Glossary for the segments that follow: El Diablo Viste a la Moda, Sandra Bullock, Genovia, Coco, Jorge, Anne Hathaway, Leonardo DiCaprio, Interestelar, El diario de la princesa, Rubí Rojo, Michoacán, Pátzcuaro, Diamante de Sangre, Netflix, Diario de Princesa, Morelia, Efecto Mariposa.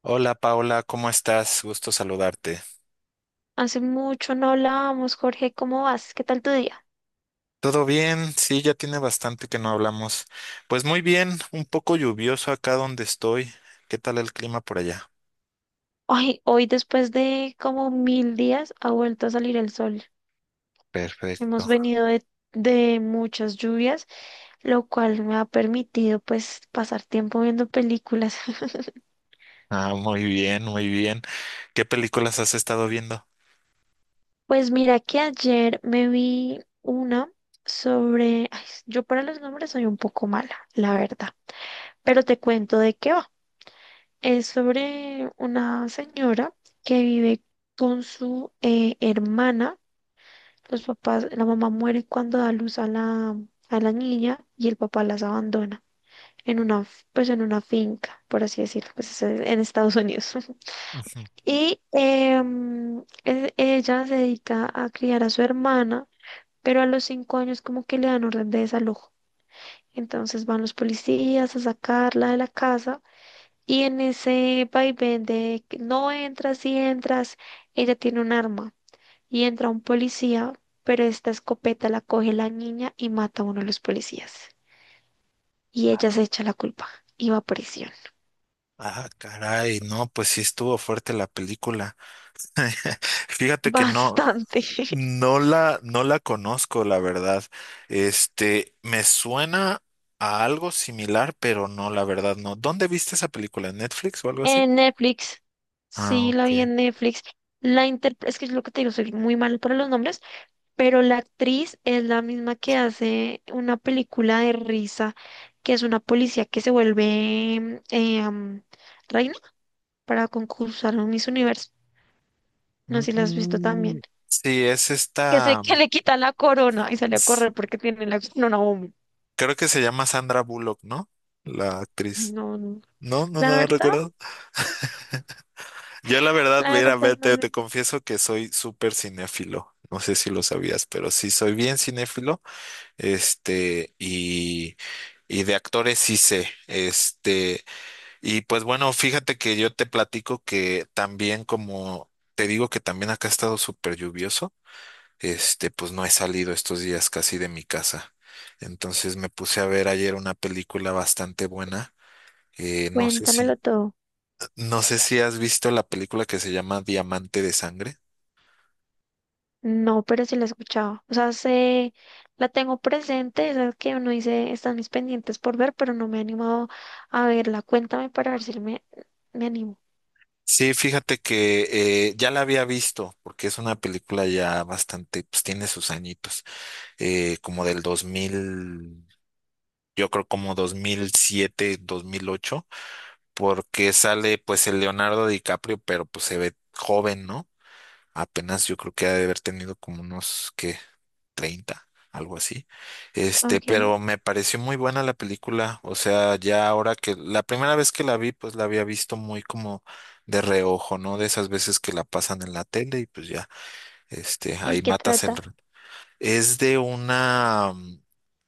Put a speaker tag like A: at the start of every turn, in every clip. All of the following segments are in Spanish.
A: Hola Paula, ¿cómo estás? Gusto saludarte.
B: Hace mucho no hablábamos, Jorge, ¿cómo vas? ¿Qué tal tu día?
A: ¿Todo bien? Sí, ya tiene bastante que no hablamos. Pues muy bien, un poco lluvioso acá donde estoy. ¿Qué tal el clima por allá?
B: Hoy después de como 1.000 días ha vuelto a salir el sol. Hemos
A: Perfecto.
B: venido de muchas lluvias, lo cual me ha permitido pues pasar tiempo viendo películas.
A: Ah, muy bien, muy bien. ¿Qué películas has estado viendo?
B: Pues mira que ayer me vi una sobre... ay, yo para los nombres soy un poco mala, la verdad, pero te cuento de qué va. Es sobre una señora que vive con su hermana. Los papás, la mamá muere cuando da luz a la niña y el papá las abandona en una, pues en una finca, por así decirlo, pues es en Estados Unidos.
A: Ujú.
B: Y ella se dedica a criar a su hermana, pero a los 5 años como que le dan orden de desalojo. Entonces van los policías a sacarla de la casa y en ese vaivén de que no entras y entras, ella tiene un arma y entra un policía, pero esta escopeta la coge la niña y mata a uno de los policías. Y ella se echa la culpa y va a prisión.
A: Ah, caray, no, pues sí estuvo fuerte la película. Fíjate que no.
B: Bastante.
A: No la conozco, la verdad. Me suena a algo similar, pero no, la verdad, no. ¿Dónde viste esa película? ¿En Netflix o algo así?
B: En Netflix.
A: Ah,
B: Sí, la vi
A: ok.
B: en Netflix. Es que es lo que te digo, soy muy malo para los nombres, pero la actriz es la misma que hace una película de risa, que es una policía que se vuelve reina para concursar en Miss Universo. No sé si la has visto
A: Mm,
B: también.
A: sí, es
B: que se
A: esta,
B: que le quitan la corona y sale a
A: es-
B: correr porque tiene la corona bomba.
A: creo que se llama Sandra Bullock, ¿no? La
B: Ay,
A: actriz.
B: no, no.
A: No, no, no,
B: La
A: no
B: verdad,
A: recuerdo. Yo la verdad,
B: la
A: mira,
B: verdad,
A: vete,
B: no.
A: te
B: No.
A: confieso que soy súper cinéfilo. No sé si lo sabías, pero sí soy bien cinéfilo. Este, y, y de actores sí sé. Y pues bueno, fíjate que yo te platico que también, como te digo que también acá ha estado súper lluvioso, pues no he salido estos días casi de mi casa. Entonces me puse a ver ayer una película bastante buena. Eh, no sé
B: Cuéntamelo
A: si,
B: todo.
A: no sé si has visto la película que se llama Diamante de Sangre.
B: No, pero sí la he escuchado. O sea, sé, la tengo presente, esas que uno dice, están mis pendientes por ver, pero no me he animado a verla. Cuéntame para ver si me animo.
A: Sí, fíjate que ya la había visto, porque es una película ya bastante, pues tiene sus añitos. Como del dos mil, yo creo, como 2007, 2008, porque sale pues el Leonardo DiCaprio, pero pues se ve joven, ¿no? Apenas yo creo que ha de haber tenido como unos, ¿qué? 30, algo así. Este,
B: Ok.
A: pero me pareció muy buena la película, o sea, ya ahora que la primera vez que la vi, pues la había visto muy como de reojo, ¿no? De esas veces que la pasan en la tele y pues ya,
B: ¿Y
A: ahí
B: qué
A: matas el,
B: trata?
A: es de una,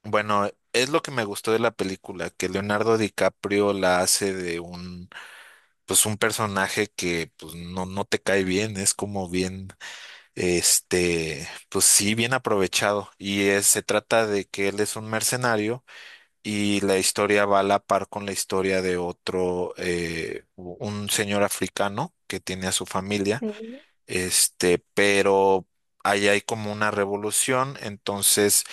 A: bueno, es lo que me gustó de la película, que Leonardo DiCaprio la hace de un, pues un personaje que pues no, no te cae bien, es como bien, pues sí, bien aprovechado. Y se trata de que él es un mercenario, y la historia va a la par con la historia de otro, un señor africano que tiene a su familia,
B: Sí.
A: este, pero... Ahí hay como una revolución. Entonces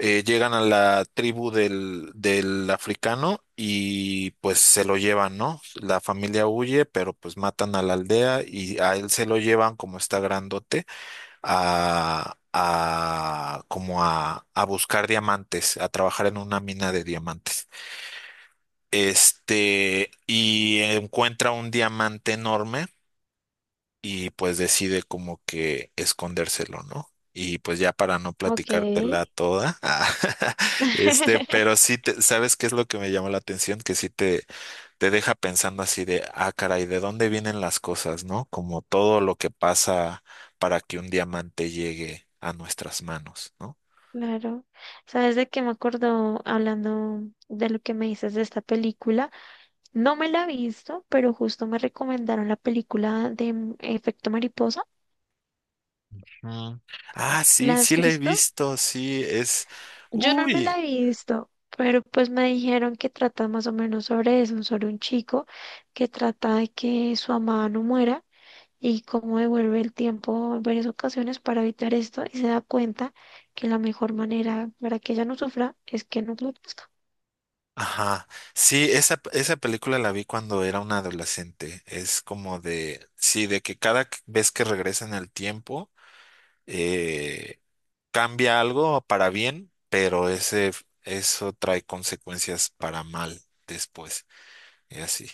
A: llegan a la tribu del africano y pues se lo llevan, ¿no? La familia huye, pero pues matan a la aldea y a él se lo llevan, como está grandote, a como a buscar diamantes, a trabajar en una mina de diamantes. Y encuentra un diamante enorme, y pues decide como que escondérselo, ¿no? Y pues ya, para no
B: Ok.
A: platicártela toda, ah, pero sí, ¿sabes qué es lo que me llamó la atención? Que sí te deja pensando así de, ah, caray, ¿de dónde vienen las cosas, no? Como todo lo que pasa para que un diamante llegue a nuestras manos, ¿no?
B: Claro, sabes de qué me acordó hablando de lo que me dices de esta película. No me la he visto, pero justo me recomendaron la película de Efecto Mariposa.
A: Mm. Ah, sí,
B: ¿La has
A: sí la he
B: visto?
A: visto, sí, es,
B: Yo no me
A: uy.
B: la he visto, pero pues me dijeron que trata más o menos sobre eso, sobre un chico que trata de que su amada no muera y cómo devuelve el tiempo en varias ocasiones para evitar esto y se da cuenta que la mejor manera para que ella no sufra es que no lo...
A: Ajá. Sí, esa película la vi cuando era una adolescente. Es como de, sí, de que cada vez que regresa en el tiempo, eh, cambia algo para bien, pero eso trae consecuencias para mal después. Y así.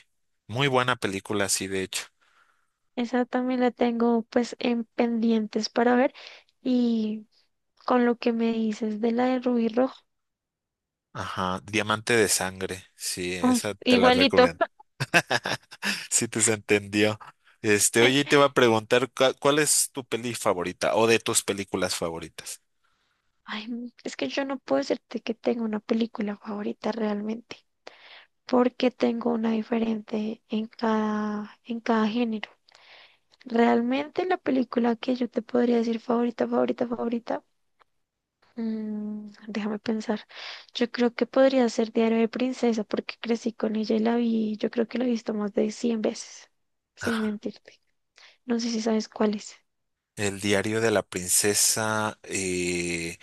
A: Muy buena película, sí, de hecho.
B: Esa también la tengo pues en pendientes para ver y con lo que me dices de la de Rubí Rojo,
A: Ajá. Diamante de sangre. Sí,
B: ay,
A: esa te la
B: igualito.
A: recomiendo. Sí, te se entendió. Oye, te iba a preguntar, ¿cuál es tu peli favorita o de tus películas favoritas?
B: Ay, es que yo no puedo decirte que tengo una película favorita realmente, porque tengo una diferente en cada género. Realmente la película que yo te podría decir favorita, favorita, favorita. Déjame pensar. Yo creo que podría ser Diario de Princesa porque crecí con ella y la vi, yo creo que la he visto más de 100 veces, sin
A: Ah,
B: mentirte. No sé si sabes cuál es.
A: El diario de la princesa.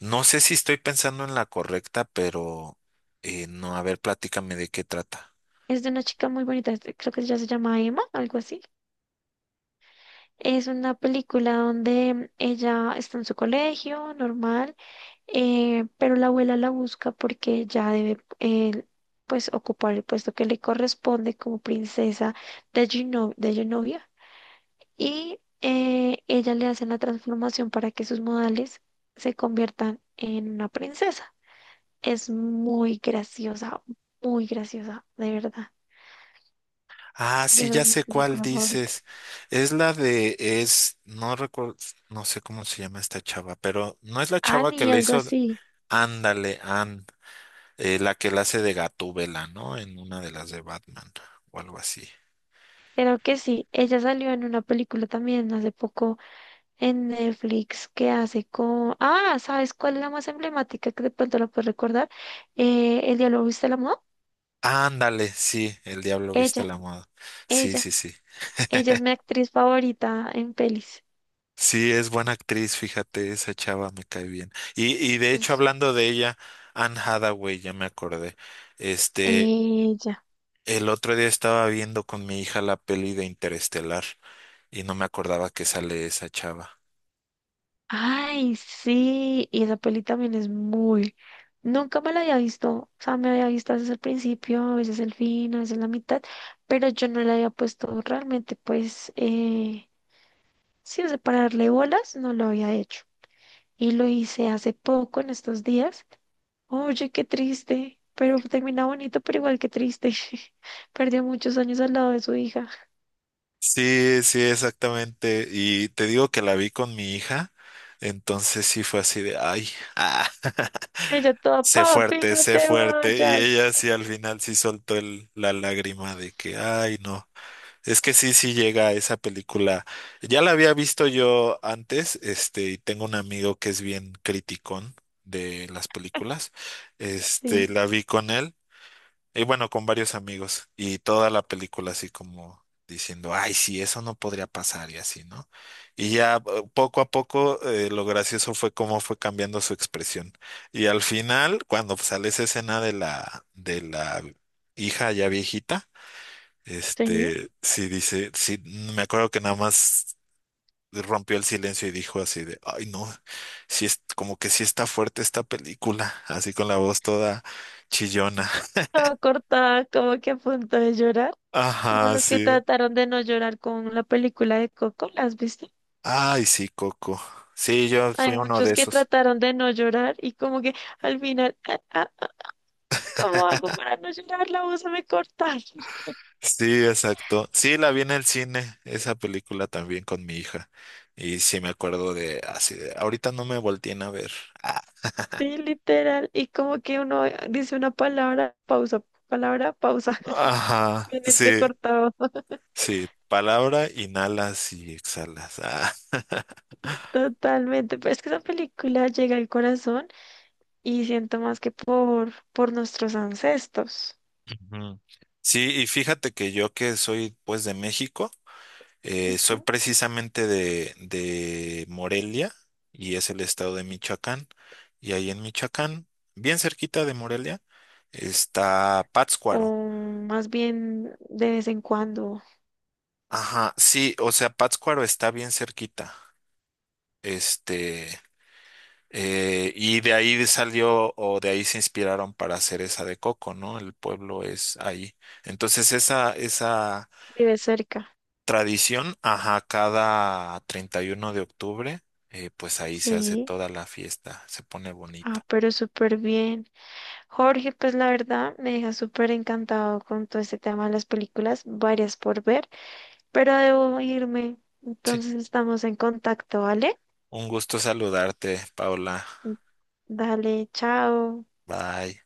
A: No sé si estoy pensando en la correcta, pero no, a ver, platícame de qué trata.
B: Es de una chica muy bonita, este, creo que ella se llama Emma, algo así. Es una película donde ella está en su colegio, normal, pero la abuela la busca porque ella debe, pues, ocupar el puesto que le corresponde como princesa de de Genovia y ella le hace la transformación para que sus modales se conviertan en una princesa. Es muy graciosa, de verdad.
A: Ah,
B: Yo
A: sí,
B: no
A: ya
B: es mi
A: sé cuál
B: película favorita.
A: dices. Es la de, es, no recuerdo, no sé cómo se llama esta chava, pero no es la chava que
B: Annie,
A: le
B: algo
A: hizo,
B: así.
A: ándale, la que la hace de Gatúbela, ¿no? En una de las de Batman o algo así.
B: Creo que sí. Ella salió en una película también hace poco en Netflix que hace con... Ah, ¿sabes cuál es la más emblemática que de pronto la puedes recordar? El diálogo viste la moda.
A: Ándale, sí, El Diablo Viste a
B: Ella,
A: la Moda. Sí, sí,
B: ella.
A: sí.
B: Ella es mi actriz favorita en pelis.
A: Sí, es buena actriz, fíjate, esa chava me cae bien. Y de hecho,
B: Es
A: hablando de ella, Anne Hathaway, ya me acordé. Este,
B: ella.
A: el otro día estaba viendo con mi hija la peli de Interestelar, y no me acordaba que sale esa chava.
B: Ay, sí, y esa peli también es muy... Nunca me la había visto, o sea, me había visto a veces el principio, a veces el fin, a veces la mitad, pero yo no le había puesto realmente, pues, sí, o sea, para darle bolas, no lo había hecho. Y lo hice hace poco, en estos días. Oye, qué triste, pero termina bonito, pero igual qué triste. Perdió muchos años al lado de su hija.
A: Sí, sí, exactamente. Y te digo que la vi con mi hija, entonces sí fue así de, ay, ah.
B: Ella toda,
A: Sé
B: papi,
A: fuerte,
B: no
A: sé
B: te
A: fuerte. Y
B: vayas.
A: ella sí, al final, sí soltó la lágrima de que, ay, no. Es que sí, sí llega a esa película. Ya la había visto yo antes, y tengo un amigo que es bien criticón de las películas. Este,
B: Sí,
A: la vi con él. Y bueno, con varios amigos, y toda la película así como diciendo, ay, sí, eso no podría pasar y así, ¿no? Y ya poco a poco, lo gracioso fue cómo fue cambiando su expresión. Y al final, cuando sale esa escena de la, hija ya viejita,
B: sí.
A: sí dice, sí, me acuerdo que nada más rompió el silencio y dijo así de, ay, no, sí es como que sí está fuerte esta película, así con la voz toda chillona.
B: Estaba cortada, como que a punto de llorar, como
A: Ajá,
B: los que
A: sí.
B: trataron de no llorar con la película de Coco, ¿la has visto?
A: Ay, sí, Coco. Sí, yo
B: Hay
A: fui uno de
B: muchos que
A: esos.
B: trataron de no llorar y como que al final, ah, ah, ¿cómo hago para no llorar? La voz se me corta.
A: Sí, exacto. Sí, la vi en el cine, esa película también con mi hija. Y sí me acuerdo de así de, ahorita no me volteen a ver. Ah.
B: Sí, literal. Y como que uno dice una palabra, pausa,
A: Ajá,
B: bien
A: sí,
B: entrecortado.
A: sí. Palabra, inhalas y exhalas. Ah.
B: Totalmente. Pero es que esa película llega al corazón y siento más que por nuestros ancestros.
A: Ujú. Sí, y fíjate que yo que soy pues de México. Soy precisamente de Morelia, y es el estado de Michoacán. Y ahí en Michoacán, bien cerquita de Morelia, está Pátzcuaro.
B: O más bien de vez en cuando
A: Ajá, sí, o sea, Pátzcuaro está bien cerquita. Este, y de ahí salió, o de ahí se inspiraron para hacer esa de Coco, ¿no? El pueblo es ahí. Entonces, esa, esa.
B: vive cerca.
A: Tradición, ajá, cada 31 de octubre, pues ahí se hace
B: Sí,
A: toda la fiesta, se pone bonito.
B: ah, pero súper bien. Jorge, pues la verdad me deja súper encantado con todo este tema de las películas, varias por ver, pero debo irme.
A: Sí.
B: Entonces estamos en contacto, ¿vale?
A: Un gusto saludarte, Paula.
B: Dale, chao.
A: Bye.